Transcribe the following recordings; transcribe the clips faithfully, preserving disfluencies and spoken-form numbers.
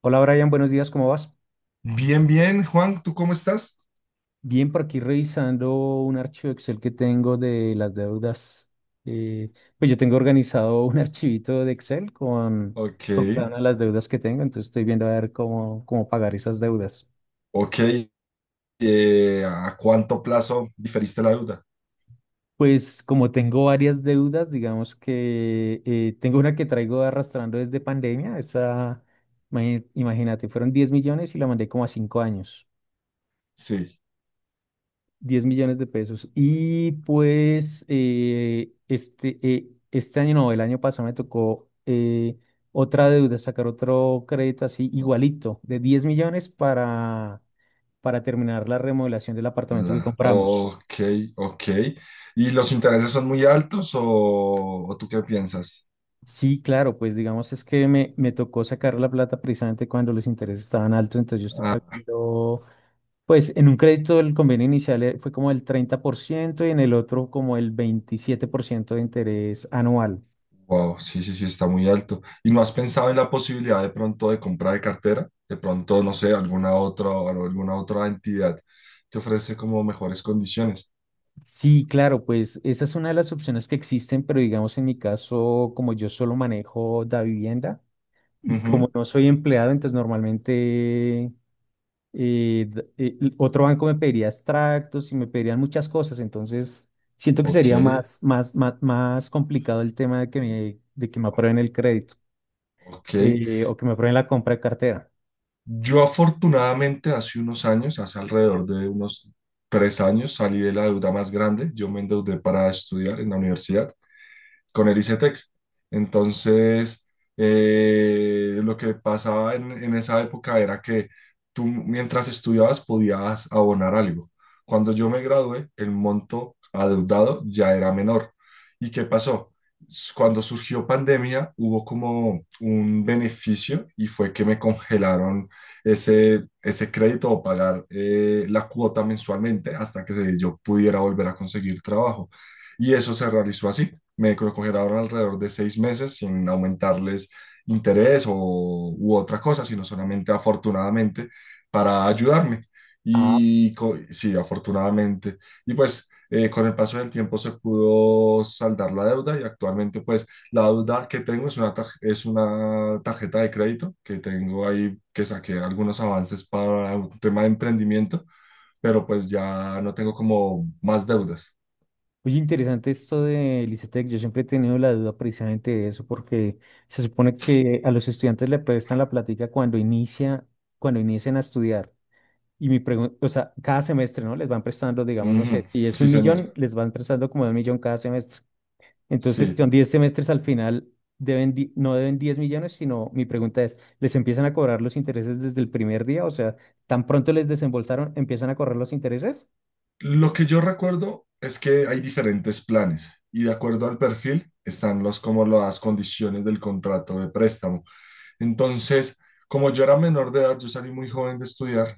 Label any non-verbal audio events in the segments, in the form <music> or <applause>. Hola Brian, buenos días, ¿cómo vas? Bien, bien, Juan, ¿tú cómo estás? Bien, por aquí revisando un archivo Excel que tengo de las deudas. eh, pues yo tengo organizado un <laughs> archivito de Excel con, Ok, con cada una de las deudas que tengo, entonces estoy viendo a ver cómo, cómo pagar esas deudas. ok. Eh, ¿a cuánto plazo diferiste la deuda? Pues como tengo varias deudas, digamos que eh, tengo una que traigo arrastrando desde pandemia, esa, imagi- imagínate, fueron diez millones y la mandé como a cinco años. Sí. Diez millones de pesos. Y pues eh, este, eh, este año, no, el año pasado me tocó eh, otra deuda, sacar otro crédito así o- igualito, de diez millones para, para terminar la remodelación del apartamento que La, compramos. ok, ok. ¿Y los intereses son muy altos o, o tú qué piensas? Sí, claro, pues digamos es que me, me tocó sacar la plata precisamente cuando los intereses estaban altos, entonces yo estoy Ah, pagando, pues en un crédito el convenio inicial eh, fue como el treinta por ciento y en el otro como el veintisiete por ciento de interés anual. wow, sí, sí, sí, está muy alto. ¿Y no has pensado en la posibilidad de pronto de compra de cartera? De pronto, no sé, alguna otra, alguna otra entidad te ofrece como mejores condiciones. Sí, claro, pues esa es una de las opciones que existen, pero digamos en mi caso, como yo solo manejo la vivienda y Ujú, como no soy empleado, entonces normalmente eh, d- eh, l- otro banco me pediría extractos y me pedirían muchas cosas, entonces siento que ok. sería más, más, más, más complicado el tema de que me, de que me aprueben el crédito Ok, eh, o que me aprueben la compra de cartera. yo afortunadamente hace unos años, hace alrededor de unos tres años, salí de la deuda más grande. Yo me endeudé para estudiar en la universidad con el I C E T E X. Entonces, eh, lo que pasaba en, en esa época era que tú mientras estudiabas podías abonar algo. Cuando yo me gradué, el monto adeudado ya era menor. ¿Y qué pasó? S- Cuando surgió pandemia, hubo como un beneficio y fue que me congelaron ese, ese crédito o pagar eh, la cuota mensualmente hasta que se- yo pudiera volver a conseguir trabajo. Y eso se realizó así, me lo congelaron alrededor de seis meses sin aumentarles interés o, u otra cosa, sino solamente afortunadamente para ayudarme. Y co- sí, afortunadamente. Y pues eh, con el paso del tiempo se pudo saldar la deuda y actualmente pues la deuda que tengo es una, tar- es una tarjeta de crédito que tengo ahí, que saqué algunos avances para un tema de emprendimiento, pero pues ya no tengo como más deudas. Oye, interesante esto de Licetec. Yo siempre he tenido la duda precisamente de eso, porque se supone que a los estudiantes le prestan la plática cuando inicia, cuando inician a estudiar. Y mi pregunta, o sea, cada semestre, ¿no? Les van prestando, digamos, no Ujú, sé, y es sí, un señor. millón, les van prestando como un millón cada semestre. Entonces, Sí. son diez semestres al final, deben, di- no deben diez millones, sino mi pregunta es, ¿les empiezan a cobrar los intereses desde el primer día? O sea, ¿tan pronto les desembolsaron, empiezan a correr los intereses? Lo que yo recuerdo es que hay diferentes planes y de acuerdo al perfil están los, como las condiciones del contrato de préstamo. Entonces, como yo era menor de edad, yo salí muy joven de estudiar,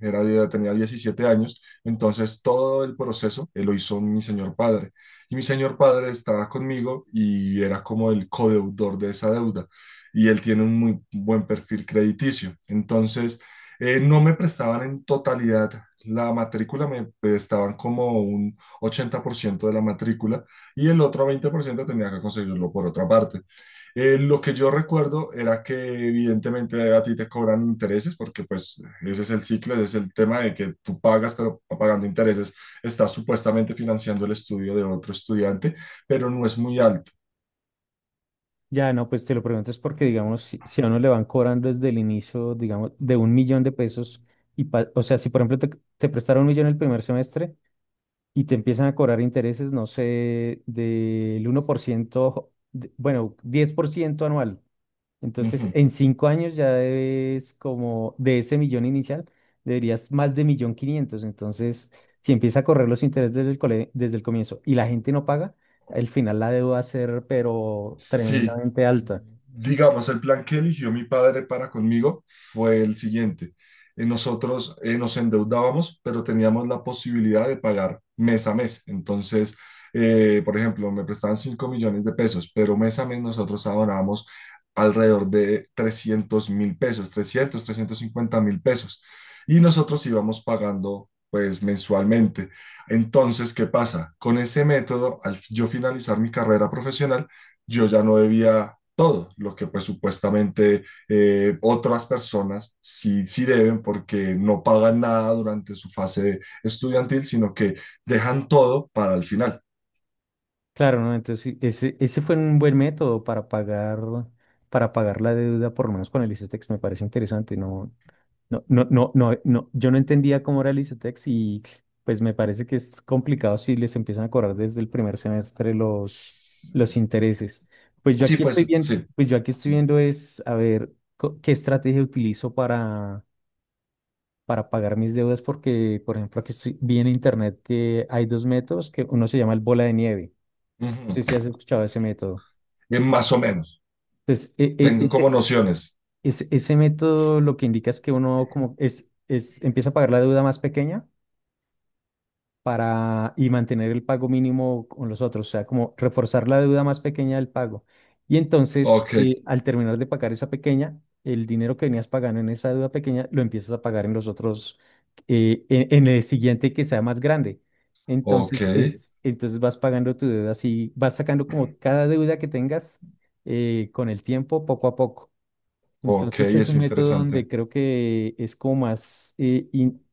era, ya tenía diecisiete años, entonces todo el proceso eh, lo hizo mi señor padre. Y mi señor padre estaba conmigo y era como el codeudor de esa deuda. Y él tiene un muy buen perfil crediticio. Entonces, eh, no me prestaban en totalidad la matrícula, me prestaban como un ochenta por ciento de la matrícula y el otro veinte por ciento tenía que conseguirlo por otra parte. Eh, lo que yo recuerdo era que evidentemente a ti te cobran intereses porque pues ese es el ciclo, ese es el tema de que tú pagas, pero pagando intereses estás supuestamente financiando el estudio de otro estudiante, pero no es muy alto. Ya, no, pues te lo pregunto es porque, digamos, si, si a uno le van cobrando desde el inicio, digamos, de un millón de pesos, y pa- o sea, si por ejemplo te, te prestaron un millón el primer semestre y te empiezan a cobrar intereses, no sé, del uno por ciento, de- bueno, diez por ciento anual. Entonces, Ujú. en cinco años ya debes como de ese millón inicial, deberías más de millón quinientos. Entonces, si empieza a correr los intereses desde el, cole- desde el comienzo y la gente no paga, al final la deuda va a ser, pero Sí, tremendamente alta. digamos, el plan que eligió mi padre para conmigo fue el siguiente. Eh, Nosotros eh, nos endeudábamos, pero teníamos la posibilidad de pagar mes a mes. Entonces, eh, por ejemplo, me prestaban cinco millones de pesos, pero mes a mes nosotros abonábamos alrededor de trescientos mil pesos, trescientos, trescientos cincuenta mil pesos. Y nosotros íbamos pagando, pues, mensualmente. Entonces, ¿qué pasa? Con ese método, al yo finalizar mi carrera profesional, yo ya no debía todo, lo que pues supuestamente eh, otras personas sí, sí deben porque no pagan nada durante su fase estudiantil, sino que dejan todo para el final. Claro, ¿no? Entonces, sí, ese, ese fue un buen método para pagar, para pagar la deuda, por lo menos con el ICETEX, me parece interesante. No, no, no, no, no, no, yo no entendía cómo era el ICETEX y pues me parece que es complicado si les empiezan a cobrar desde el primer semestre los, S- los intereses. Pues yo Sí, aquí estoy pues bien, sí. pues yo aquí estoy viendo es a ver co- qué estrategia utilizo para, para pagar mis deudas, porque, por ejemplo, aquí estoy, vi en internet que hay dos métodos, que uno se llama el bola de nieve. Sí, sí, Ujú. has escuchado ese método. Eh, más o menos, Entonces, e- e- tengo ese, como nociones. ese, ese método lo que indica es que uno como es, es, empieza a pagar la deuda más pequeña para y mantener el pago mínimo con los otros, o sea, como reforzar la deuda más pequeña del pago. Y entonces, Ok, eh, al terminar de pagar esa pequeña, el dinero que venías pagando en esa deuda pequeña lo empiezas a pagar en los otros, eh, en, en el siguiente que sea más grande. ok, Entonces, es, entonces vas pagando tu deuda así, vas sacando como cada deuda que tengas eh, con el tiempo, poco a poco. ok, Entonces es un es método donde interesante. creo que es como más eh, in-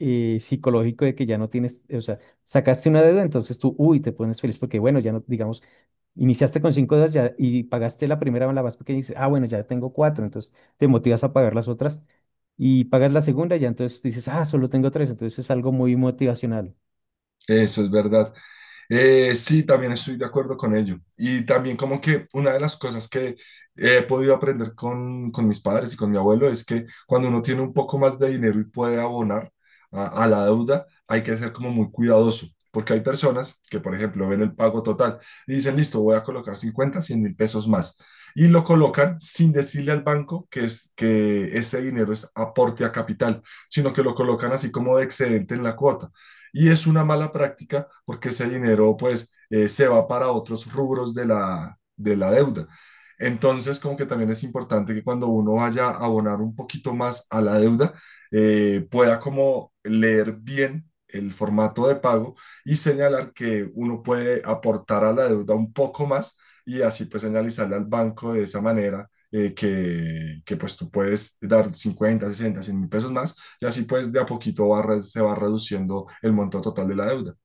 eh, psicológico de que ya no tienes, o sea, sacaste una deuda, entonces tú, uy, te pones feliz porque, bueno, ya no, digamos, iniciaste con cinco deudas ya, y pagaste la primera, la más pequeña, y dices, ah, bueno, ya tengo cuatro, entonces te motivas a pagar las otras y pagas la segunda, ya entonces dices, ah, solo tengo tres, entonces es algo muy motivacional. Eso es verdad. Eh, sí, también estoy de acuerdo con ello. Y también como que una de las cosas que he podido aprender con, con mis padres y con mi abuelo es que cuando uno tiene un poco más de dinero y puede abonar a, a la deuda, hay que ser como muy cuidadoso. Porque hay personas que, por ejemplo, ven el pago total y dicen, listo, voy a colocar cincuenta, cien mil pesos más. Y lo colocan sin decirle al banco que, es, que ese dinero es aporte a capital, sino que lo colocan así como de excedente en la cuota. Y es una mala práctica porque ese dinero pues eh, se va para otros rubros de la, de la deuda. Entonces, como que también es importante que cuando uno vaya a abonar un poquito más a la deuda, eh, pueda como leer bien el formato de pago y señalar que uno puede aportar a la deuda un poco más y así pues señalizarle al banco de esa manera eh, que, que pues tú puedes dar cincuenta, sesenta, cien mil pesos más y así pues de a poquito va re- se va reduciendo el monto total de la deuda.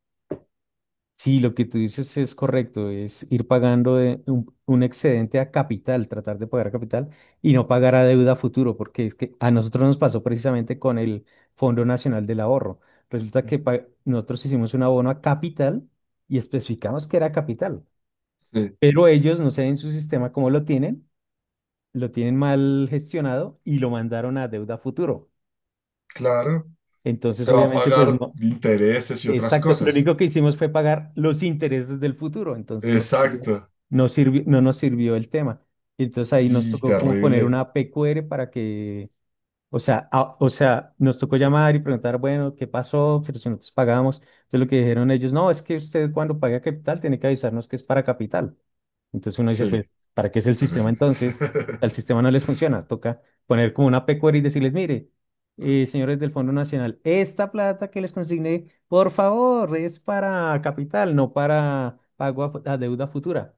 Sí, lo que tú dices es correcto, es ir pagando de un, un excedente a capital, tratar de pagar a capital y no pagar a deuda a futuro, porque es que a nosotros nos pasó precisamente con el Fondo Nacional del Ahorro. Resulta que pa- nosotros hicimos un abono a capital y especificamos que era capital, Sí, pero ellos, no sé en su sistema cómo lo tienen, lo tienen mal gestionado y lo mandaron a deuda a futuro. claro. Entonces, Se va a obviamente, pues pagar no, intereses y otras exacto. Lo cosas. único que hicimos fue pagar los intereses del futuro, entonces no, Exacto. no sirvi- no nos sirvió el tema. Entonces ahí nos Y tocó como poner terrible. una P Q R para que, o sea, a- o sea, nos tocó llamar y preguntar, bueno, ¿qué pasó? Pero si nosotros pagamos. Entonces lo que dijeron ellos, no, es que usted cuando paga capital tiene que avisarnos que es para capital. Entonces uno dice, Sí, pues, ¿para qué es el pero sistema sí. entonces? <laughs> Al sistema no les funciona, toca poner como una pecuaria y decirles, mire, eh, señores del Fondo Nacional, esta plata que les consigné, por favor, es para capital, no para pago a, fu- a deuda futura.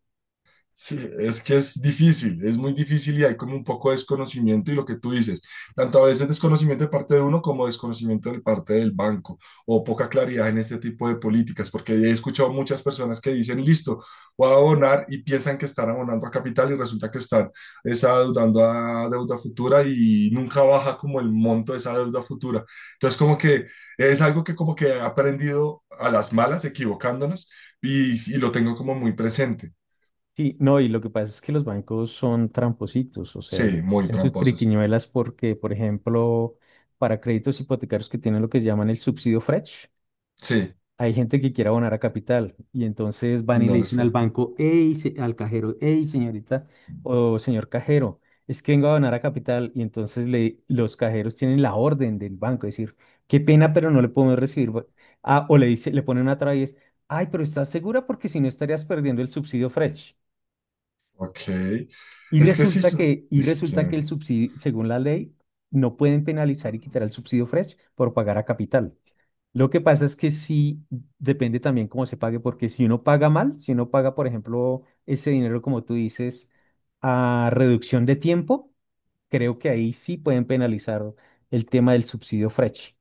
Sí, es que es difícil, es muy difícil y hay como un poco de desconocimiento y lo que tú dices, tanto a veces desconocimiento de parte de uno como desconocimiento de parte del banco o poca claridad en este tipo de políticas, porque he escuchado muchas personas que dicen, listo, voy a abonar y piensan que están abonando a capital y resulta que están, es, adeudando a deuda futura y nunca baja como el monto de esa deuda futura. Entonces como que es algo que como que he aprendido a las malas, equivocándonos, y y lo tengo como muy presente. Sí, no, y lo que pasa es que los bancos son trampositos, o sea, Sí, muy hacen sus tramposos. triquiñuelas porque, por ejemplo, para créditos hipotecarios que tienen lo que llaman el subsidio Fresh, Sí, hay gente que quiere abonar a capital y entonces y van y le no les dicen al para. banco, hey, se- al cajero, hey, señorita o señor cajero, es que vengo a abonar a capital y entonces le, los cajeros tienen la orden del banco, decir, qué pena, pero no le podemos recibir. bo- Ah, o le dice, le ponen una traba y es, ay, pero ¿estás segura? Porque si no estarías perdiendo el subsidio Fresh. Ok. Y Es que sí resulta son, que, y es resulta que, que el subsidio, según la ley, no pueden penalizar y quitar el subsidio Fresh por pagar a capital. Lo que pasa es que sí depende también cómo se pague, porque si uno paga mal, si uno paga, por ejemplo, ese dinero, como tú dices, a reducción de tiempo, creo que ahí sí pueden penalizar el tema del subsidio Fresh.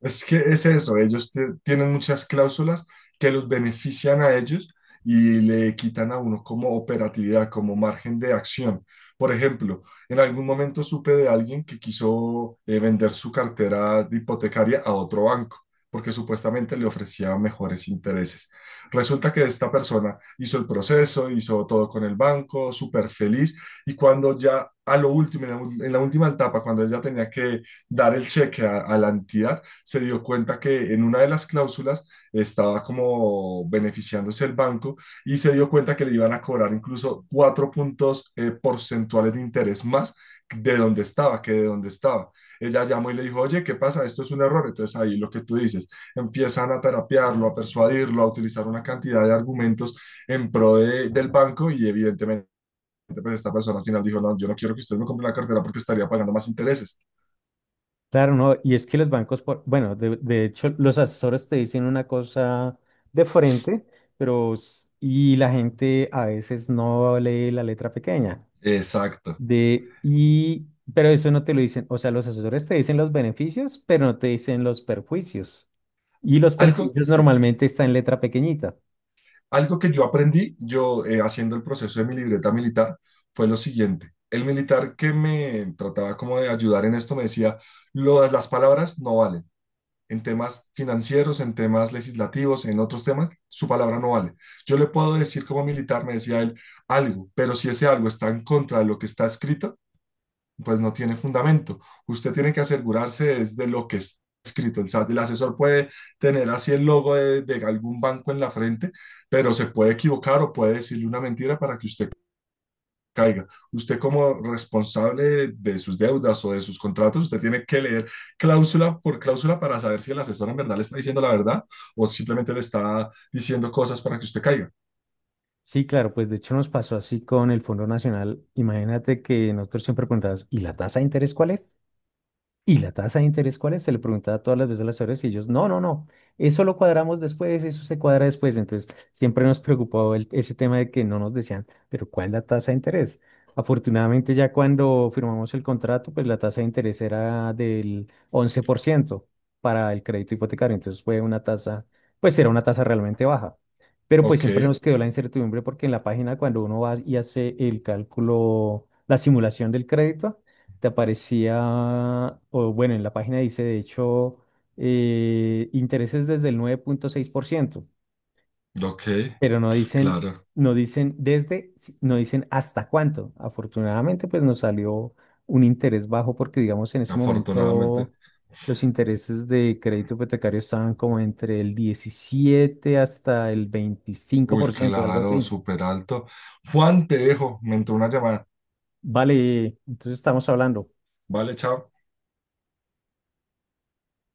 es que es eso, ellos te- tienen muchas cláusulas que los benefician a ellos y le quitan a uno como operatividad, como margen de acción. Por ejemplo, en algún momento supe de alguien que quiso eh, vender su cartera de hipotecaria a otro banco porque supuestamente le ofrecía mejores intereses. Resulta que esta persona hizo el proceso, hizo todo con el banco, súper feliz, y cuando ya a lo último, en la, ul- en la última etapa, cuando ella tenía que dar el cheque a a la entidad, se dio cuenta que en una de las cláusulas estaba como beneficiándose el banco y se dio cuenta que le iban a cobrar incluso cuatro puntos eh, porcentuales de interés más de donde estaba, que de donde estaba. Ella llamó y le dijo, oye, ¿qué pasa? Esto es un error. Entonces ahí lo que tú dices, empiezan a terapiarlo, a persuadirlo, a utilizar una cantidad de argumentos en pro de- del banco y evidentemente pues esta persona al final dijo, no, yo no quiero que usted me compre la cartera porque estaría pagando más intereses. Claro, no, y es que los bancos, por- bueno, de, de hecho, los asesores te dicen una cosa de frente, pero s- y la gente a veces no lee la letra pequeña. Exacto. De, y, pero eso no te lo dicen, o sea, los asesores te dicen los beneficios, pero no te dicen los perjuicios. Y los Algo, perjuicios sí. normalmente están en letra pequeñita. Algo que yo aprendí, yo eh, haciendo el proceso de mi libreta militar, fue lo siguiente. El militar que me trataba como de ayudar en esto me decía, "Lo- las palabras no valen. En temas financieros, en temas legislativos, en otros temas, su palabra no vale. Yo le puedo decir como militar", me decía él, "algo, pero si ese algo está en contra de lo que está escrito, pues no tiene fundamento. Usted tiene que asegurarse es de lo que está escrito. El, as- el asesor puede tener así el logo de, de, algún banco en la frente, pero se puede equivocar o puede decirle una mentira para que usted caiga. Usted como responsable de de sus deudas o de sus contratos, usted tiene que leer cláusula por cláusula para saber si el asesor en verdad le está diciendo la verdad o simplemente le está diciendo cosas para que usted caiga". Sí, claro, pues de hecho nos pasó así con el Fondo Nacional. Imagínate que nosotros siempre preguntábamos, ¿y la tasa de interés cuál es? ¿Y la tasa de interés cuál es? Se le preguntaba todas las veces a las horas y ellos, no, no, no, eso lo cuadramos después, eso se cuadra después. Entonces, siempre nos preocupó el- ese tema de que no nos decían, pero ¿cuál es la tasa de interés? Afortunadamente, ya cuando firmamos el contrato, pues la tasa de interés era del once por ciento para el crédito hipotecario. Entonces, fue una tasa, pues era una tasa realmente baja. Pero pues Ok, siempre nos quedó la incertidumbre porque en la página cuando uno va y hace el cálculo, la simulación del crédito, te aparecía, o bueno, en la página dice, de hecho, eh, intereses desde el nueve punto seis por ciento ok, pero no dicen, claro, no dicen desde, si- no dicen hasta cuánto. Afortunadamente, pues nos salió un interés bajo porque, digamos, en ese afortunadamente. momento los intereses de crédito hipotecario estaban como entre el diecisiete hasta el veinticinco Uy, por ciento algo claro, así. súper alto. Juan, te dejo, me entró una llamada. Vale, entonces estamos hablando. Vale, chao.